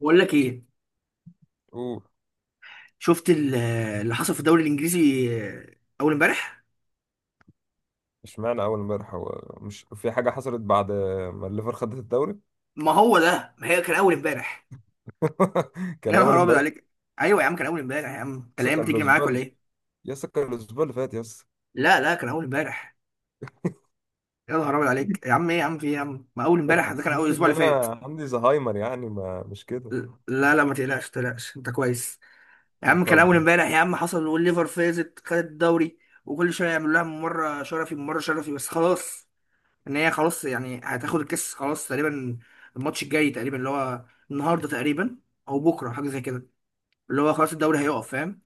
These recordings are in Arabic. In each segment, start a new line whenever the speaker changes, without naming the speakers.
بقول لك ايه؟
اوه.
شفت ال- اللي حصل في الدوري الانجليزي اول امبارح.
اشمعنى اول امبارح؟ هو مش في حاجه حصلت بعد ما الليفر خدت الدوري.
ما هو ده، ما هي كان اول امبارح. يا
كان اول
نهار ابيض
امبارح.
عليك! ايوه يا عم كان اول امبارح يا عم، انت
يس
الايام
كان
بتجري معاك ولا ايه؟
يس كان الاسبوع اللي فات، يس.
لا لا كان اول امبارح. يا نهار ابيض عليك يا عم، ايه يا عم، في ايه يا عم؟ ما اول
ما
امبارح ده كان اول
تحسسنيش
اسبوع
ان
اللي فات.
انا عندي زهايمر يعني، ما مش كده.
لا لا، ما تقلقش ما تقلقش انت كويس. يا
إيه،
عم كان
طب.
اول امبارح يا عم، حصل والليفر فازت خدت الدوري. وكل شويه يعملوا لها مره شرفي مره شرفي بس خلاص. ان هي خلاص يعني هتاخد الكاس خلاص تقريبا. الماتش الجاي تقريبا، اللي هو النهارده تقريبا او بكره حاجه زي كده، اللي هو خلاص الدوري هيقف، فاهم.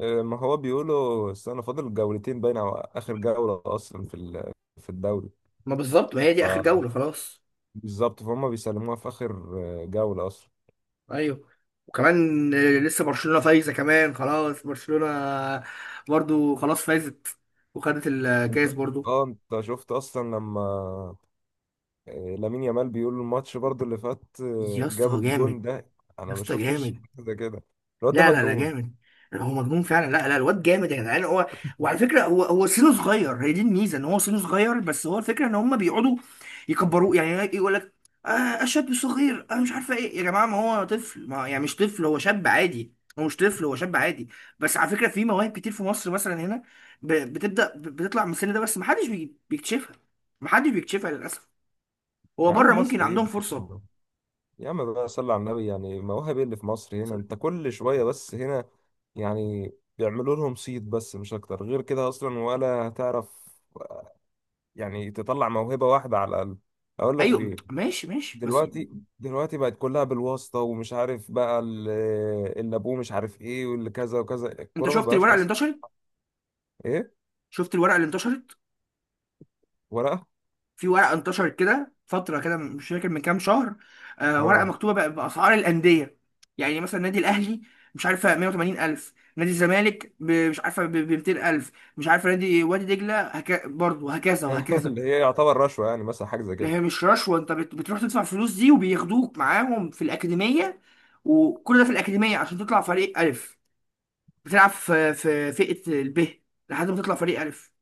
ما هو بيقولوا استنى، فاضل جولتين باين او اخر جوله اصلا في في الدوري.
ما بالظبط، ما هي
ف
دي اخر جوله خلاص.
بالظبط، فهم بيسلموها في اخر جوله اصلا.
ايوه. وكمان لسه برشلونه فايزه كمان، خلاص برشلونه برضو خلاص فازت وخدت
انت
الكاس برضو.
اه انت شفت اصلا لما لامين يامال، بيقول الماتش برضو اللي فات
يا
جاب
اسطى جامد!
الجون ده.
يا
انا ما
اسطى
شفتش
جامد!
حاجة زي كده، الواد ده
لا لا لا
مجنون.
جامد، هو مجنون فعلا. لا لا الواد جامد يا جدعان. هو وعلى فكره هو سنه صغير، هي دي الميزه ان هو سنه صغير، بس هو الفكره ان هم بيقعدوا يكبروه يعني. يقول لك آه شاب صغير انا مش عارفه ايه يا جماعه، ما هو طفل، ما يعني مش طفل، هو شاب عادي، هو مش طفل، هو شاب عادي. بس على فكره في مواهب كتير في مصر مثلا هنا بتبدا بتطلع من السن ده، بس ما حدش بيكتشفها، ما حدش بيكتشفها للاسف. هو
يا عم
بره ممكن
مصر ايه اللي
عندهم فرصه.
بيعمله؟ يا عم بقى صلي على النبي يعني، مواهب ايه اللي في مصر؟ هنا انت كل شوية، بس هنا يعني بيعملوا لهم صيد بس، مش اكتر غير كده، اصلا ولا هتعرف يعني تطلع موهبة واحدة على الاقل. اقول لك
ايوه
ليه.
ماشي ماشي بس.
دلوقتي دلوقتي بقت كلها بالواسطة، ومش عارف بقى اللي ابوه مش عارف ايه، واللي كذا وكذا،
انت
الكورة ما
شفت
بقاش
الورقه اللي
اصلا.
انتشرت؟
ايه؟
شفت الورقه اللي انتشرت؟
ورقة؟
في ورقه انتشرت كده فتره كده، مش فاكر من كام شهر، آه ورقه
اه.
مكتوبه باسعار الانديه. يعني مثلا النادي الاهلي مش عارفه 180 الف، نادي الزمالك مش عارفه ب 200 الف، مش عارفه نادي وادي دجله برضه، وهكذا وهكذا.
اللي هي يعتبر رشوة يعني، مثلا حاجة زي كده.
هي مش رشوه، انت بتروح تدفع فلوس دي وبياخدوك معاهم في الاكاديميه. وكل ده في الاكاديميه عشان تطلع فريق الف. بتلعب في فئه الب لحد ما تطلع فريق الف.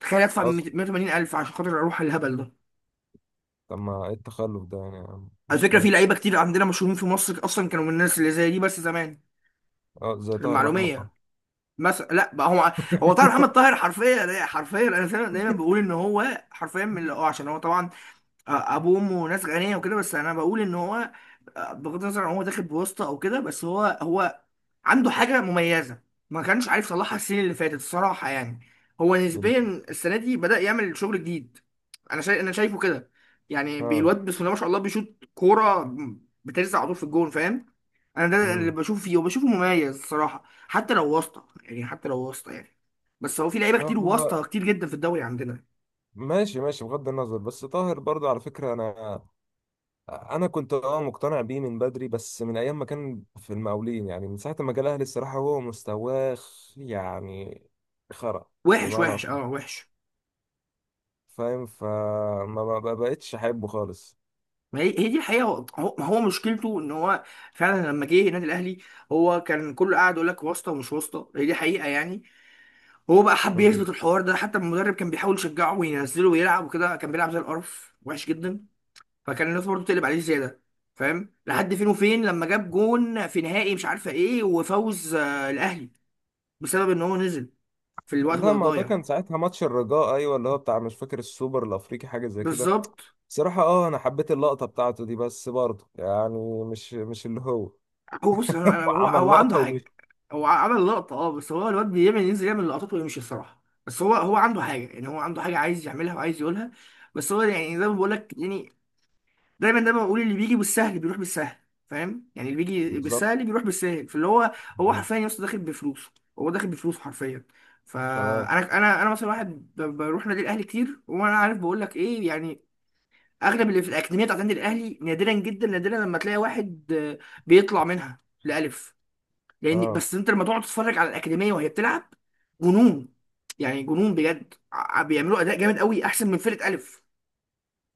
تخيل ادفع
أصلا
180 الف عشان خاطر اروح الهبل ده.
طب ما إيه التخلف ده يعني يا عم؟
على
مش
فكره في
فاهم.
لعيبه كتير عندنا مشهورين في مصر، اصلا كانوا من الناس اللي زي دي بس زمان.
أه زي طاهر محمد
المعلوميه
طه.
مثلا. لا بقى هو، هو طاهر محمد طاهر حرفيا حرفيا، انا دايما دايما بقول ان هو حرفيا من اللي هو عشان هو طبعا ابوه وامه ناس غنيه وكده. بس انا بقول ان هو بغض النظر عن هو داخل بواسطه او كده، بس هو عنده حاجة مميزة. ما كانش عارف يصلحها السنين اللي فاتت الصراحة يعني. هو نسبيا
بال-
السنة دي بدأ يعمل شغل جديد. أنا شايف، أنا شايفه كده. يعني
أه.
الواد بسم الله ما شاء الله بيشوط كورة بترزع على طول في الجون، فاهم. أنا ده اللي
أمم.
بشوفه فيه وبشوفه مميز الصراحة، حتى لو واسطة يعني، حتى لو واسطة يعني. بس هو في لعيبة كتير
هو
واسطة كتير جدا في الدوري عندنا.
ماشي ماشي، بغض النظر، بس طاهر برضه على فكرة أنا كنت أه مقتنع بيه من بدري، بس من أيام ما كان في المقاولين، يعني من ساعة ما جه الأهلي الصراحة هو مستواه يعني خرا،
وحش
بمعنى
وحش،
أصح.
اه وحش.
فاهم، ما بقتش أحبه خالص.
ما هي هي دي الحقيقه. هو ما هو مشكلته ان هو فعلا لما جه النادي الاهلي، هو كان كله قاعد يقول لك واسطه ومش واسطه، هي دي حقيقه يعني. هو بقى حب يثبت الحوار ده، حتى المدرب كان بيحاول يشجعه وينزله ويلعب وكده، كان بيلعب زي القرف وحش جدا. فكان الناس برضه بتقلب عليه زياده فاهم، لحد فين وفين لما جاب جون في نهائي مش عارفه ايه، وفوز الاهلي بسبب ان هو نزل في الوقت
لا
بقى
ما ده
ضايع.
كان ساعتها ماتش الرجاء، ايوه اللي هو بتاع مش فاكر السوبر الافريقي، حاجه زي كده.
بالظبط.
صراحه اه انا حبيت اللقطه بتاعته دي، بس برضه يعني مش مش اللي هو.
هو بص، هو
هو
هو
عمل
هو عنده
لقطه
حاجه.
ومش.
هو عمل لقطه اه، بس هو الواد بيعمل ينزل يعمل لقطات ويمشي الصراحه، بس هو عنده حاجه يعني، هو عنده حاجه عايز يعملها وعايز يقولها. بس هو يعني زي ما بقول لك يعني، دايما دايما بقول اللي بيجي بالسهل بيروح بالسهل، فاهم يعني، اللي بيجي
بالظبط.
بالسهل بيروح بالسهل. فاللي هو، هو حرفيا يا اسطى داخل بفلوسه. هو داخل بفلوسه حرفيا.
تمام.
فانا انا انا مثلا واحد بروح نادي الاهلي كتير وانا عارف، بقول لك ايه يعني. اغلب اللي في الاكاديميه بتاعت نادي الاهلي نادرا جدا، نادرا لما تلاقي واحد بيطلع منها لألف. لان
اه.
بس انت لما تقعد تتفرج على الاكاديميه وهي بتلعب، جنون، يعني جنون بجد. بيعملوا اداء جامد قوي احسن من فرقه الف.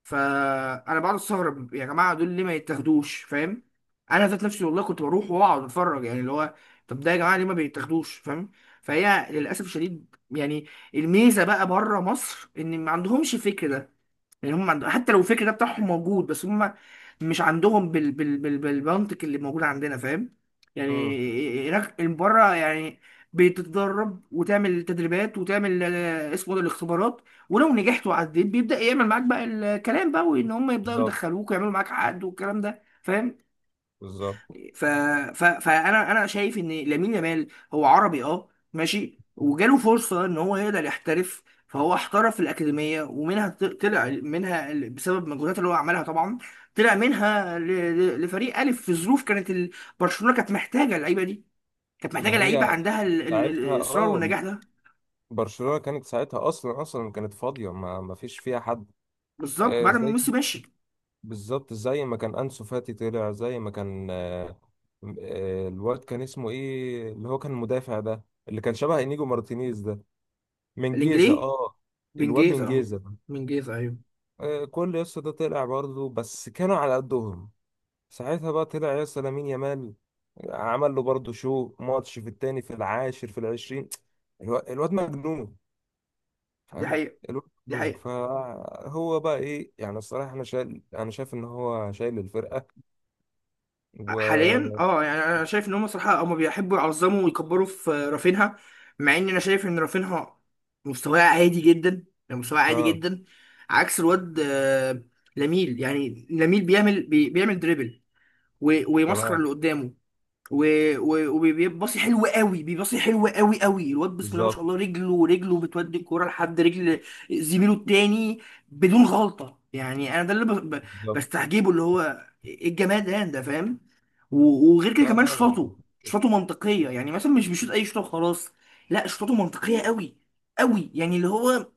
فانا بقعد استغرب يا جماعه، دول ليه ما يتاخدوش فاهم. انا ذات نفسي والله كنت بروح واقعد اتفرج يعني، اللي هو طب ده يا جماعه ليه ما بيتاخدوش فاهم. فهي للاسف الشديد يعني الميزه بقى بره مصر ان ما عندهمش الفكر ده، لان هم حتى لو الفكر ده بتاعهم موجود بس هم مش عندهم بالمنطق اللي موجود عندنا فاهم.
امم.
يعني هناك بره يعني بتتدرب وتعمل تدريبات وتعمل اسمه ده الاختبارات، ولو نجحت وعديت بيبدأ يعمل معاك بقى الكلام بقى، وان هم يبدأوا
بالظبط.
يدخلوك ويعملوا معاك عقد والكلام ده فاهم.
بالظبط.
ف... فانا شايف ان لامين يامال هو عربي اه ماشي، وجاله فرصه ان هو يقدر يحترف، فهو احترف في الاكاديميه ومنها طلع منها بسبب المجهودات اللي هو عملها طبعا. طلع منها لفريق الف في ظروف كانت برشلونه كانت محتاجه اللعيبه دي. كانت محتاجه
ما
لعيبه
هي
عندها
ساعتها
الاصرار
اه
والنجاح ده.
برشلونه كانت ساعتها اصلا اصلا كانت فاضيه، ما فيش فيها حد.
بالظبط
آه،
بعد ما
ازاي.
ميسي ماشي.
بالظبط زي ما كان أنسو فاتي طلع، زي ما كان آه، الواد كان اسمه ايه اللي هو كان المدافع ده اللي كان شبه انيجو مارتينيز ده، من جيزة
الانجليزي،
اه. الواد من
بنجيزه اه،
جيزة.
بنجيزه ايوه.
آه، كل يسطا ده طلع برضه، بس كانوا على قدهم. ساعتها بقى طلع يسطا لامين يامال، عمل له برضه شو ماتش في التاني في العاشر في العشرين. الواد مجنون،
دي
فاهم؟
حقيقه.
الواد
دي
مجنون
حقيقه
فهو بقى ايه يعني، الصراحة انا شايل انا شايف ان هو شايل الفرقة.
حاليا اه، يعني انا شايف ان هم صراحه هم بيحبوا يعظموا ويكبروا في رافينها. مع ان انا شايف ان رافينها مستواه عادي جدا يعني مستواه عادي
اه.
جدا. عكس الواد لاميل يعني لاميل بيعمل دريبل ويمسخر
تمام.
اللي قدامه وبيباصي حلو قوي، بيباصي حلو قوي قوي. الواد بسم الله ما شاء
بالظبط.
الله رجله بتودي الكوره لحد رجل زميله التاني بدون غلطه يعني. انا ده اللي
بالظبط.
بستعجبه، اللي هو ايه الجمال ده ده فاهم. وغير كده
لا
كمان
طبعا.
شطاته منطقيه يعني مثلا مش بيشوط اي شوطه وخلاص. لا شطاته منطقيه قوي قوي يعني، اللي هو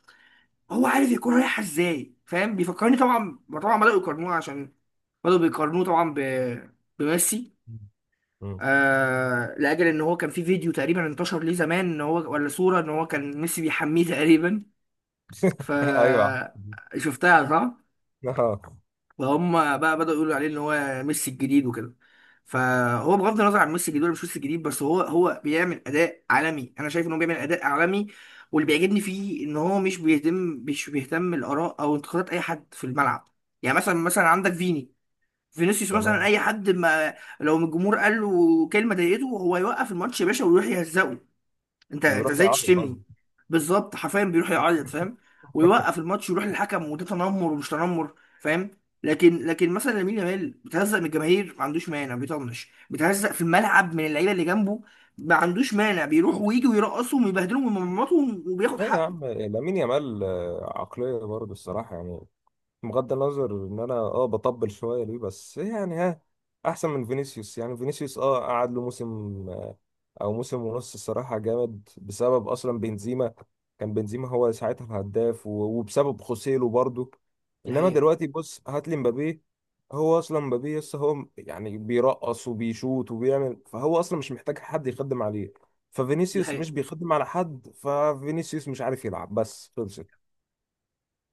هو عارف يكون رايحه ازاي، فاهم. بيفكرني طبعا طبعا بداوا يقارنوه عشان بداوا بيقارنوه طبعا بميسي.
مم.
لاجل ان هو كان في فيديو تقريبا انتشر ليه زمان ان هو ولا صوره ان هو كان ميسي بيحميه تقريبا. ف
ايوه.
شفتها صح؟
اه.
فهم بقى بدأوا يقولوا عليه ان هو ميسي الجديد وكده. فهو بغض النظر عن ميسي الجديد ولا مش ميسي الجديد، بس هو بيعمل اداء عالمي، انا شايف ان هو بيعمل اداء عالمي. واللي بيعجبني فيه ان هو مش بيهتم، مش بيهتم الاراء او انتقادات اي حد في الملعب. يعني مثلا مثلا عندك فيني، فينيسيوس مثلا،
تمام.
اي حد ما لو من الجمهور قال له كلمه ضايقته، هو يوقف الماتش يا باشا ويروح يهزقه، انت انت
ويروح
ازاي
يعرض،
تشتمني.
قصدي.
بالظبط حرفيا بيروح يعيط فاهم، ويوقف الماتش ويروح للحكم، وده تنمر ومش تنمر فاهم. لكن مثلا لامين يامال بتهزق من الجماهير ما عندوش مانع، بيطنش، بتهزق في الملعب من اللعيبه اللي جنبه ما عندوش مانع، بيروح ويجي ويرقصهم ويبهدلهم ويمرمطهم وبياخد
لا يا
حقه.
عم لامين يامال آه، عقلية برضه الصراحة يعني، بغض النظر ان انا اه بطبل شوية ليه، بس يعني ها احسن من فينيسيوس. يعني فينيسيوس اه قعد له موسم آه، او موسم ونص الصراحه جامد، بسبب اصلا بنزيما، كان بنزيما هو ساعتها الهداف، وبسبب خوسيلو برضو.
دي
انما
حقيقه.
دلوقتي بص هات لي مبابي، هو اصلا مبابي لسه هو يعني بيرقص وبيشوط وبيعمل، فهو اصلا مش محتاج حد يخدم عليه.
دي
ففينيسيوس
حقيقه.
مش بيخدم على حد، ففينيسيوس مش عارف يلعب بس، خلصت.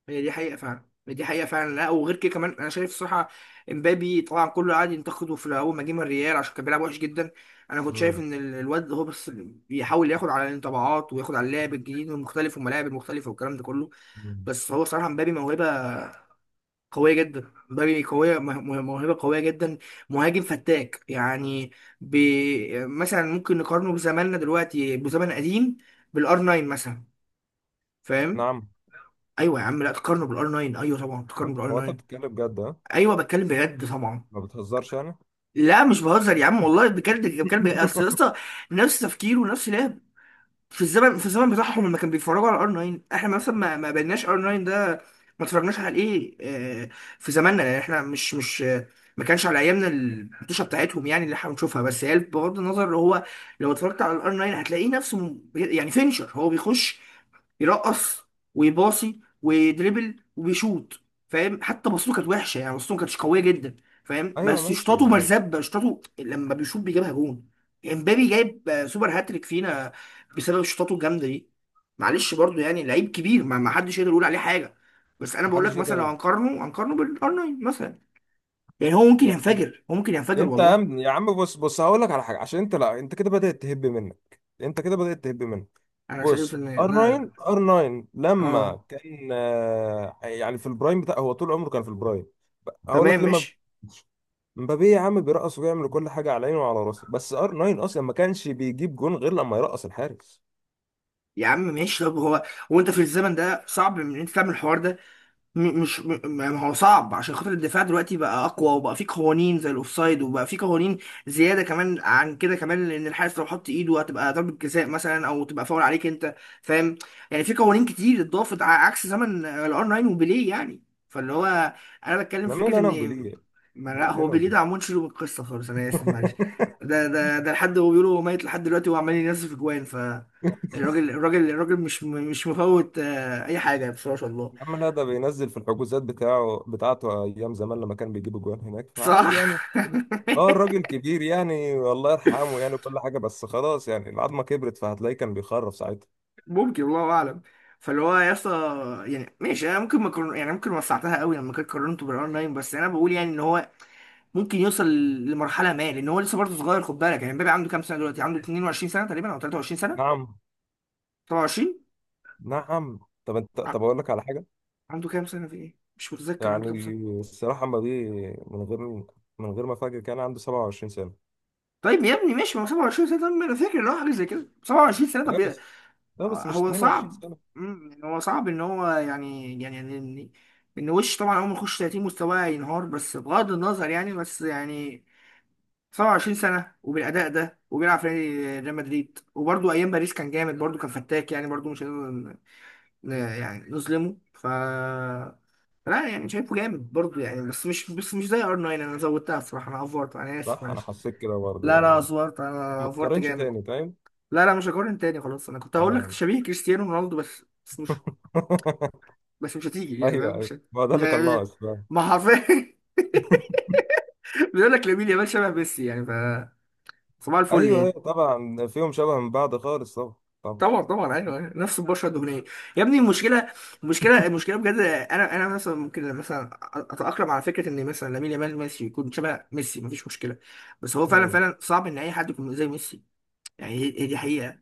هي دي حقيقة فعلا، دي حقيقة فعلا. لا وغير كده كمان أنا شايف الصراحة إمبابي طبعا كله قعد ينتقده في الأول ما جه من الريال عشان كان بيلعب وحش جدا. أنا كنت شايف
مم.
إن الواد هو بس بيحاول ياخد على الانطباعات وياخد على اللعب الجديد والمختلف والملاعب المختلفة والكلام ده كله.
مم.
بس هو صراحة إمبابي موهبة قوية جدا، إمبابي قوية موهبة قوية جدا. مهاجم فتاك يعني. بي مثلا ممكن نقارنه بزماننا دلوقتي بزمن قديم بالآر 9 مثلا، فاهم؟
نعم.
أيوه يا عم لا تقارنه بالآر 9، أيوه طبعا
هو
تقارنه
انت
بالآر
هو انت
9.
بتتكلم جد، ها؟
ايوه بتكلم بجد طبعا.
ما بتهزرش يعني.
لا مش بهزر يا عم والله بجد بتكلم بجد اصل يا اسطى. نفس تفكيره ونفس لعب. في الزمن بتاعهم لما كانوا بيتفرجوا على ار 9، احنا مثلا ما بيناش ار 9 ده، ما اتفرجناش على ايه آه، في زماننا يعني. احنا مش ما كانش على ايامنا الحطوشه بتاعتهم يعني اللي احنا بنشوفها. بس هي بغض النظر، هو لو اتفرجت على الار 9 هتلاقيه نفسه يعني فينشر، هو بيخش يرقص ويباصي ويدربل وبيشوط فاهم. حتى بصته كانت وحشه يعني بصته ما كانتش قويه جدا فاهم.
ايوه
بس
ماشي
شطاته
بس.
مرزبه، شطاته لما بيشوط بيجيبها جون. امبابي جايب سوبر هاتريك فينا بسبب شطاته الجامده دي. معلش برضو يعني لعيب كبير، ما حدش يقدر يقول عليه حاجه. بس انا بقول
محدش
لك مثلا لو
يقدر
هنقارنه هنقارنه بالار 9 مثلا، يعني هو ممكن
يعني.
ينفجر، هو ممكن ينفجر
انت يا
والله.
عم، يا عم بص، بص هقول لك على حاجه عشان انت، لا انت كده بدات تهب منك، انت كده بدات تهب منك.
انا شايف
بص،
ان
ار
لا
9 ار 9
اه،
لما كان آه، يعني في البرايم بتاع، هو طول عمره كان في البرايم. هقول
تمام
لك لما
ماشي.
مبابي يا عم بيرقص وبيعمل كل حاجه على عينه وعلى راسه، بس ار 9 اصلا ما كانش بيجيب جون غير لما يرقص الحارس.
يا عم ماشي، طب هو وانت في الزمن ده صعب ان انت تعمل الحوار ده. م- مش م- ما هو صعب عشان خاطر الدفاع دلوقتي بقى اقوى وبقى فيه قوانين زي الاوفسايد، وبقى فيه قوانين زياده كمان عن كده كمان، لان الحارس لو حط ايده هتبقى ضربه جزاء مثلا او تبقى فاول عليك انت، فاهم. يعني في قوانين كتير اتضافت عكس زمن الار 9 وبيليه يعني. فاللي هو انا بتكلم
ما
في
مال
فكره
انا
ان
وبيليه؟
ما،
ما
لا
مال
هو
انا
بيليه ده
وبيليه
عمون شيله من القصه خالص انا اسف معلش. ده لحد هو بيقولوا هو ميت لحد دلوقتي وعمال ينزل في جوان. ف الراجل مش مش مفوت اي حاجه بصراحه.
يا عم لا، ده بينزل في الحجوزات بتاعه بتاعته ايام زمان لما كان بيجيب جوان هناك، فعادي يعني.
صح
اه الراجل كبير يعني، الله يرحمه يعني كل حاجه، بس خلاص يعني العظمه كبرت، فهتلاقيه كان بيخرف ساعتها.
ممكن الله اعلم. فاللي هو يا اسطى، يعني ماشي انا ممكن ما كرر... يعني ممكن وسعتها قوي لما كنت قارنته بالاونلاين، بس انا بقول يعني ان هو ممكن يوصل لمرحله ما، لان هو لسه برضه صغير خد بالك. يعني مبابي عنده كام سنه دلوقتي؟ عنده 22 سنه تقريبا او 23 سنه.
نعم.
27.
نعم طب انت،
ع-
طب اقول لك على حاجه
عنده كام سنه في ايه مش متذكر عنده كام
يعني،
سنه.
الصراحه ما دي من غير، من غير ما فاكر كان عنده 27 سنه.
طيب يا ابني ماشي، ما هو 27 سنه، طب ما انا فاكر ان هو حاجه زي كده 27 سنه، طب.
ايوه بس، لا بس مش
هو
22
صعب،
سنه.
يعني هو صعب ان هو يعني، يعني ان وش طبعا اول ما يخش 30 مستواه ينهار. بس بغض النظر يعني، بس يعني 27 سنه وبالاداء ده وبيلعب في نادي ريال مدريد، وبرده ايام باريس كان جامد، برده كان فتاك يعني، برده مش هنقدر يعني نظلمه. ف لا يعني شايفه جامد برضه يعني، بس مش، بس مش زي ار 9. انا زودتها الصراحه، انا افورت، انا اسف
صح انا
معلش.
حسيت كده برضه
لا لا
يعني.
افورت، انا
ما
افورت
تقارنش
جامد.
تاني، فاهم؟
لا لا مش هقارن تاني خلاص. انا كنت هقول لك
تمام.
شبيه كريستيانو رونالدو بس، بس مش، بس مش هتيجي يعني
ايوه
فاهم؟
ايوه
مش
ما هو ده
مش
اللي كان
هي-
ناقص.
ما حرفيا بيقول لك لامين يامال شبه ميسي يعني. ف صباح الفل
ايوه ايوه
يعني.
طبعا فيهم شبه من بعض خالص، طبعا. طبعا.
طبعا طبعا ايوه أيوة. نفس البشره الدهنيه. يا ابني المشكله، المشكله بجد، انا انا مثلا ممكن مثلا اتاقلم على فكره ان مثلا لامين يامال ميسي يكون شبه ميسي، مفيش مشكله. بس هو فعلا
مم.
فعلا صعب ان اي حد يكون زي ميسي. يعني هي هي دي حقيقه.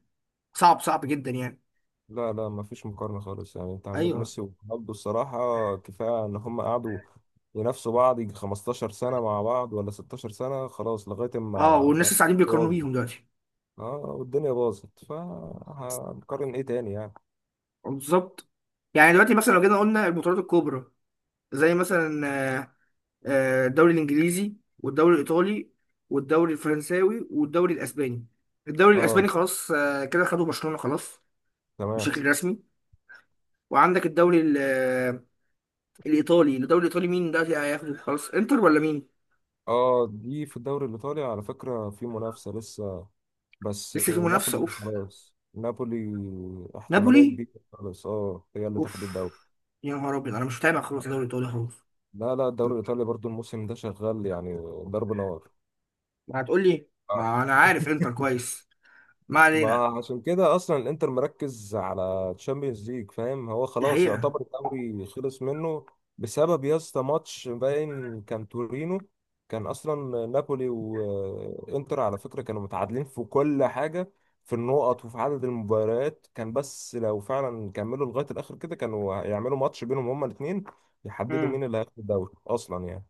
صعب صعب جدا يعني.
لا لا ما فيش مقارنه خالص يعني، انت عندك
ايوه.
ميسي ورونالدو الصراحه. كفايه ان هم قعدوا ينافسوا بعض يجي 15 سنه مع بعض، ولا 16 سنه، خلاص لغايه
اه
ما،
والناس
فاهم.
لسه قاعدين بيقارنوا
باظت.
بيهم دلوقتي.
اه والدنيا باظت، فهنقارن ايه تاني يعني.
بالظبط. يعني دلوقتي مثلا لو جينا قلنا البطولات الكبرى زي مثلا آه، الدوري الانجليزي والدوري الايطالي والدوري الفرنساوي والدوري الاسباني. الدوري الاسباني
اه.
خلاص، كده خدوا برشلونة خلاص
تمام.
بشكل رسمي. وعندك الدوري الايطالي. الدوري الايطالي مين دلوقتي هياخده خلاص، انتر ولا مين؟
اه دي في الدوري الايطالي على فكره في منافسه لسه، بس
لسه في منافسة،
نابولي
اوف.
خلاص، نابولي احتماليه
نابولي،
كبيره خلاص، اه هي اللي
اوف.
تاخد الدوري.
يا نهار ابيض انا مش متابع خلاص الدوري الايطالي خلاص.
لا لا، الدوري الإيطالي برضو الموسم ده شغال يعني، ضرب نار.
ما هتقول لي،
آه.
ما انا عارف انتر كويس. ما
ما
علينا.
عشان كده اصلا الانتر مركز على تشامبيونز ليج، فاهم؟ هو
دي
خلاص
حقيقة.
يعتبر الدوري خلص منه، بسبب يا اسطى ماتش باين كان تورينو. كان اصلا نابولي وانتر على فكره كانوا متعادلين في كل حاجه، في النقط وفي عدد المباريات كان، بس لو فعلا كملوا لغايه الاخر كده كانوا هيعملوا ماتش بينهم هما الاثنين يحددوا
امم.
مين اللي هياخد الدوري اصلا يعني.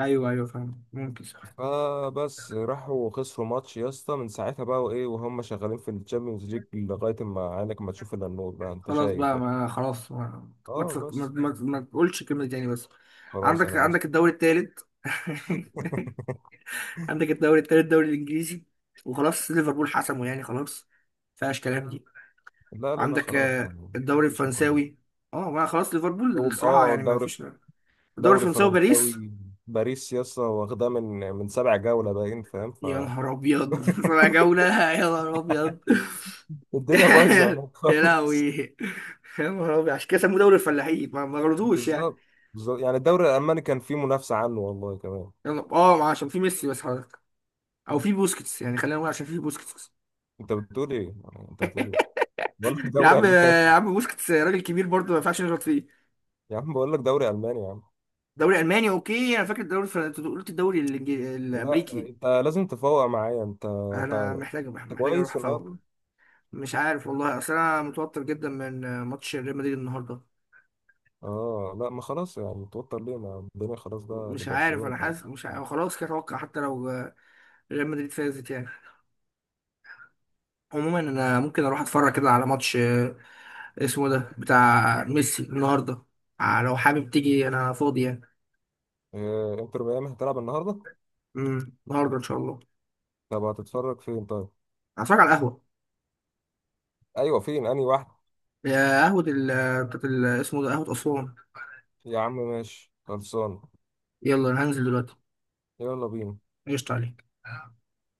ايوه ايوه فاهم ممكن صح.
فبس راحوا خسروا ماتش يا اسطى، من ساعتها بقى وايه، وهم شغالين في الشامبيونز ليج لغايه ما عينك ما تشوف الا النور بقى، انت
خلاص
شايف
بقى،
يعني.
ما خلاص ما، ما،
اه بس.
ما تقولش كلمة تاني بس.
خلاص
عندك
انا اسف.
عندك الدوري التالت. عندك الدوري التالت، الدوري الإنجليزي. وخلاص ليفربول حسمه يعني خلاص، مفيهاش كلام دي.
لا لا لا
وعندك
خلاص
الدوري
مفيش مقارنه.
الفرنساوي. اه ما خلاص ليفربول
هو
الصراحة
اه
يعني ما
دوري،
فيش. الدوري
دوري
الفرنساوي باريس.
فرنساوي، باريس يا اسطى واخداه من، من سبع جوله باين، فاهم؟
يا نهار أبيض رابع جولة. يا نهار أبيض
فالدنيا بايظه هناك
يا
خالص.
لهوي. يا نهار أبيض، عشان كده سموه دوري الفلاحين، ما ما غلطوش يعني.
بالظبط. بالظبط يعني الدوري الالماني كان فيه منافسه عنه والله كمان.
يلا اه عشان في ميسي بس حضرتك، او في بوسكيتس يعني، خلينا نقول عشان في بوسكيتس
انت بتقول ايه يعني، انت بتقول ايه، بقول لك
يا
دوري
عم
الماني.
يا عم بوسكيتس راجل كبير برضه ما ينفعش نغلط فيه.
يا عم بقول لك دوري الماني يا عم.
دوري الماني اوكي انا فاكر الدوري الفرنسي، أنت قلت الدوري
لا
الامريكي.
انت لازم تفوق معايا، انت انت
انا محتاج،
انت
محتاج اروح
كويس
افوق.
الأول.
مش عارف والله، اصل انا متوتر جدا من ماتش ريال مدريد النهارده.
اه لا ما خلاص يعني توتر ليه، ما الدنيا خلاص بقى
مش عارف
لبرشلونة
انا
يعني.
حاسس، مش عارف. خلاص كده اتوقع حتى لو ريال مدريد فازت يعني. عموما انا ممكن اروح اتفرج كده على ماتش اسمه ده بتاع ميسي النهارده. لو حابب تيجي انا فاضي يعني.
إيه؟ انتر ميامي هتلعب النهاردة؟
النهارده ان شاء الله.
طب هتتفرج فين طيب؟
هتفرج على القهوه.
ايوه فين، انهي واحد؟
يا قهوة بتاعت اسمه ده قهوة أسوان.
يا عم ماشي خلصان،
يلا أنا هنزل دلوقتي.
يلا بينا.
قشطة عليك.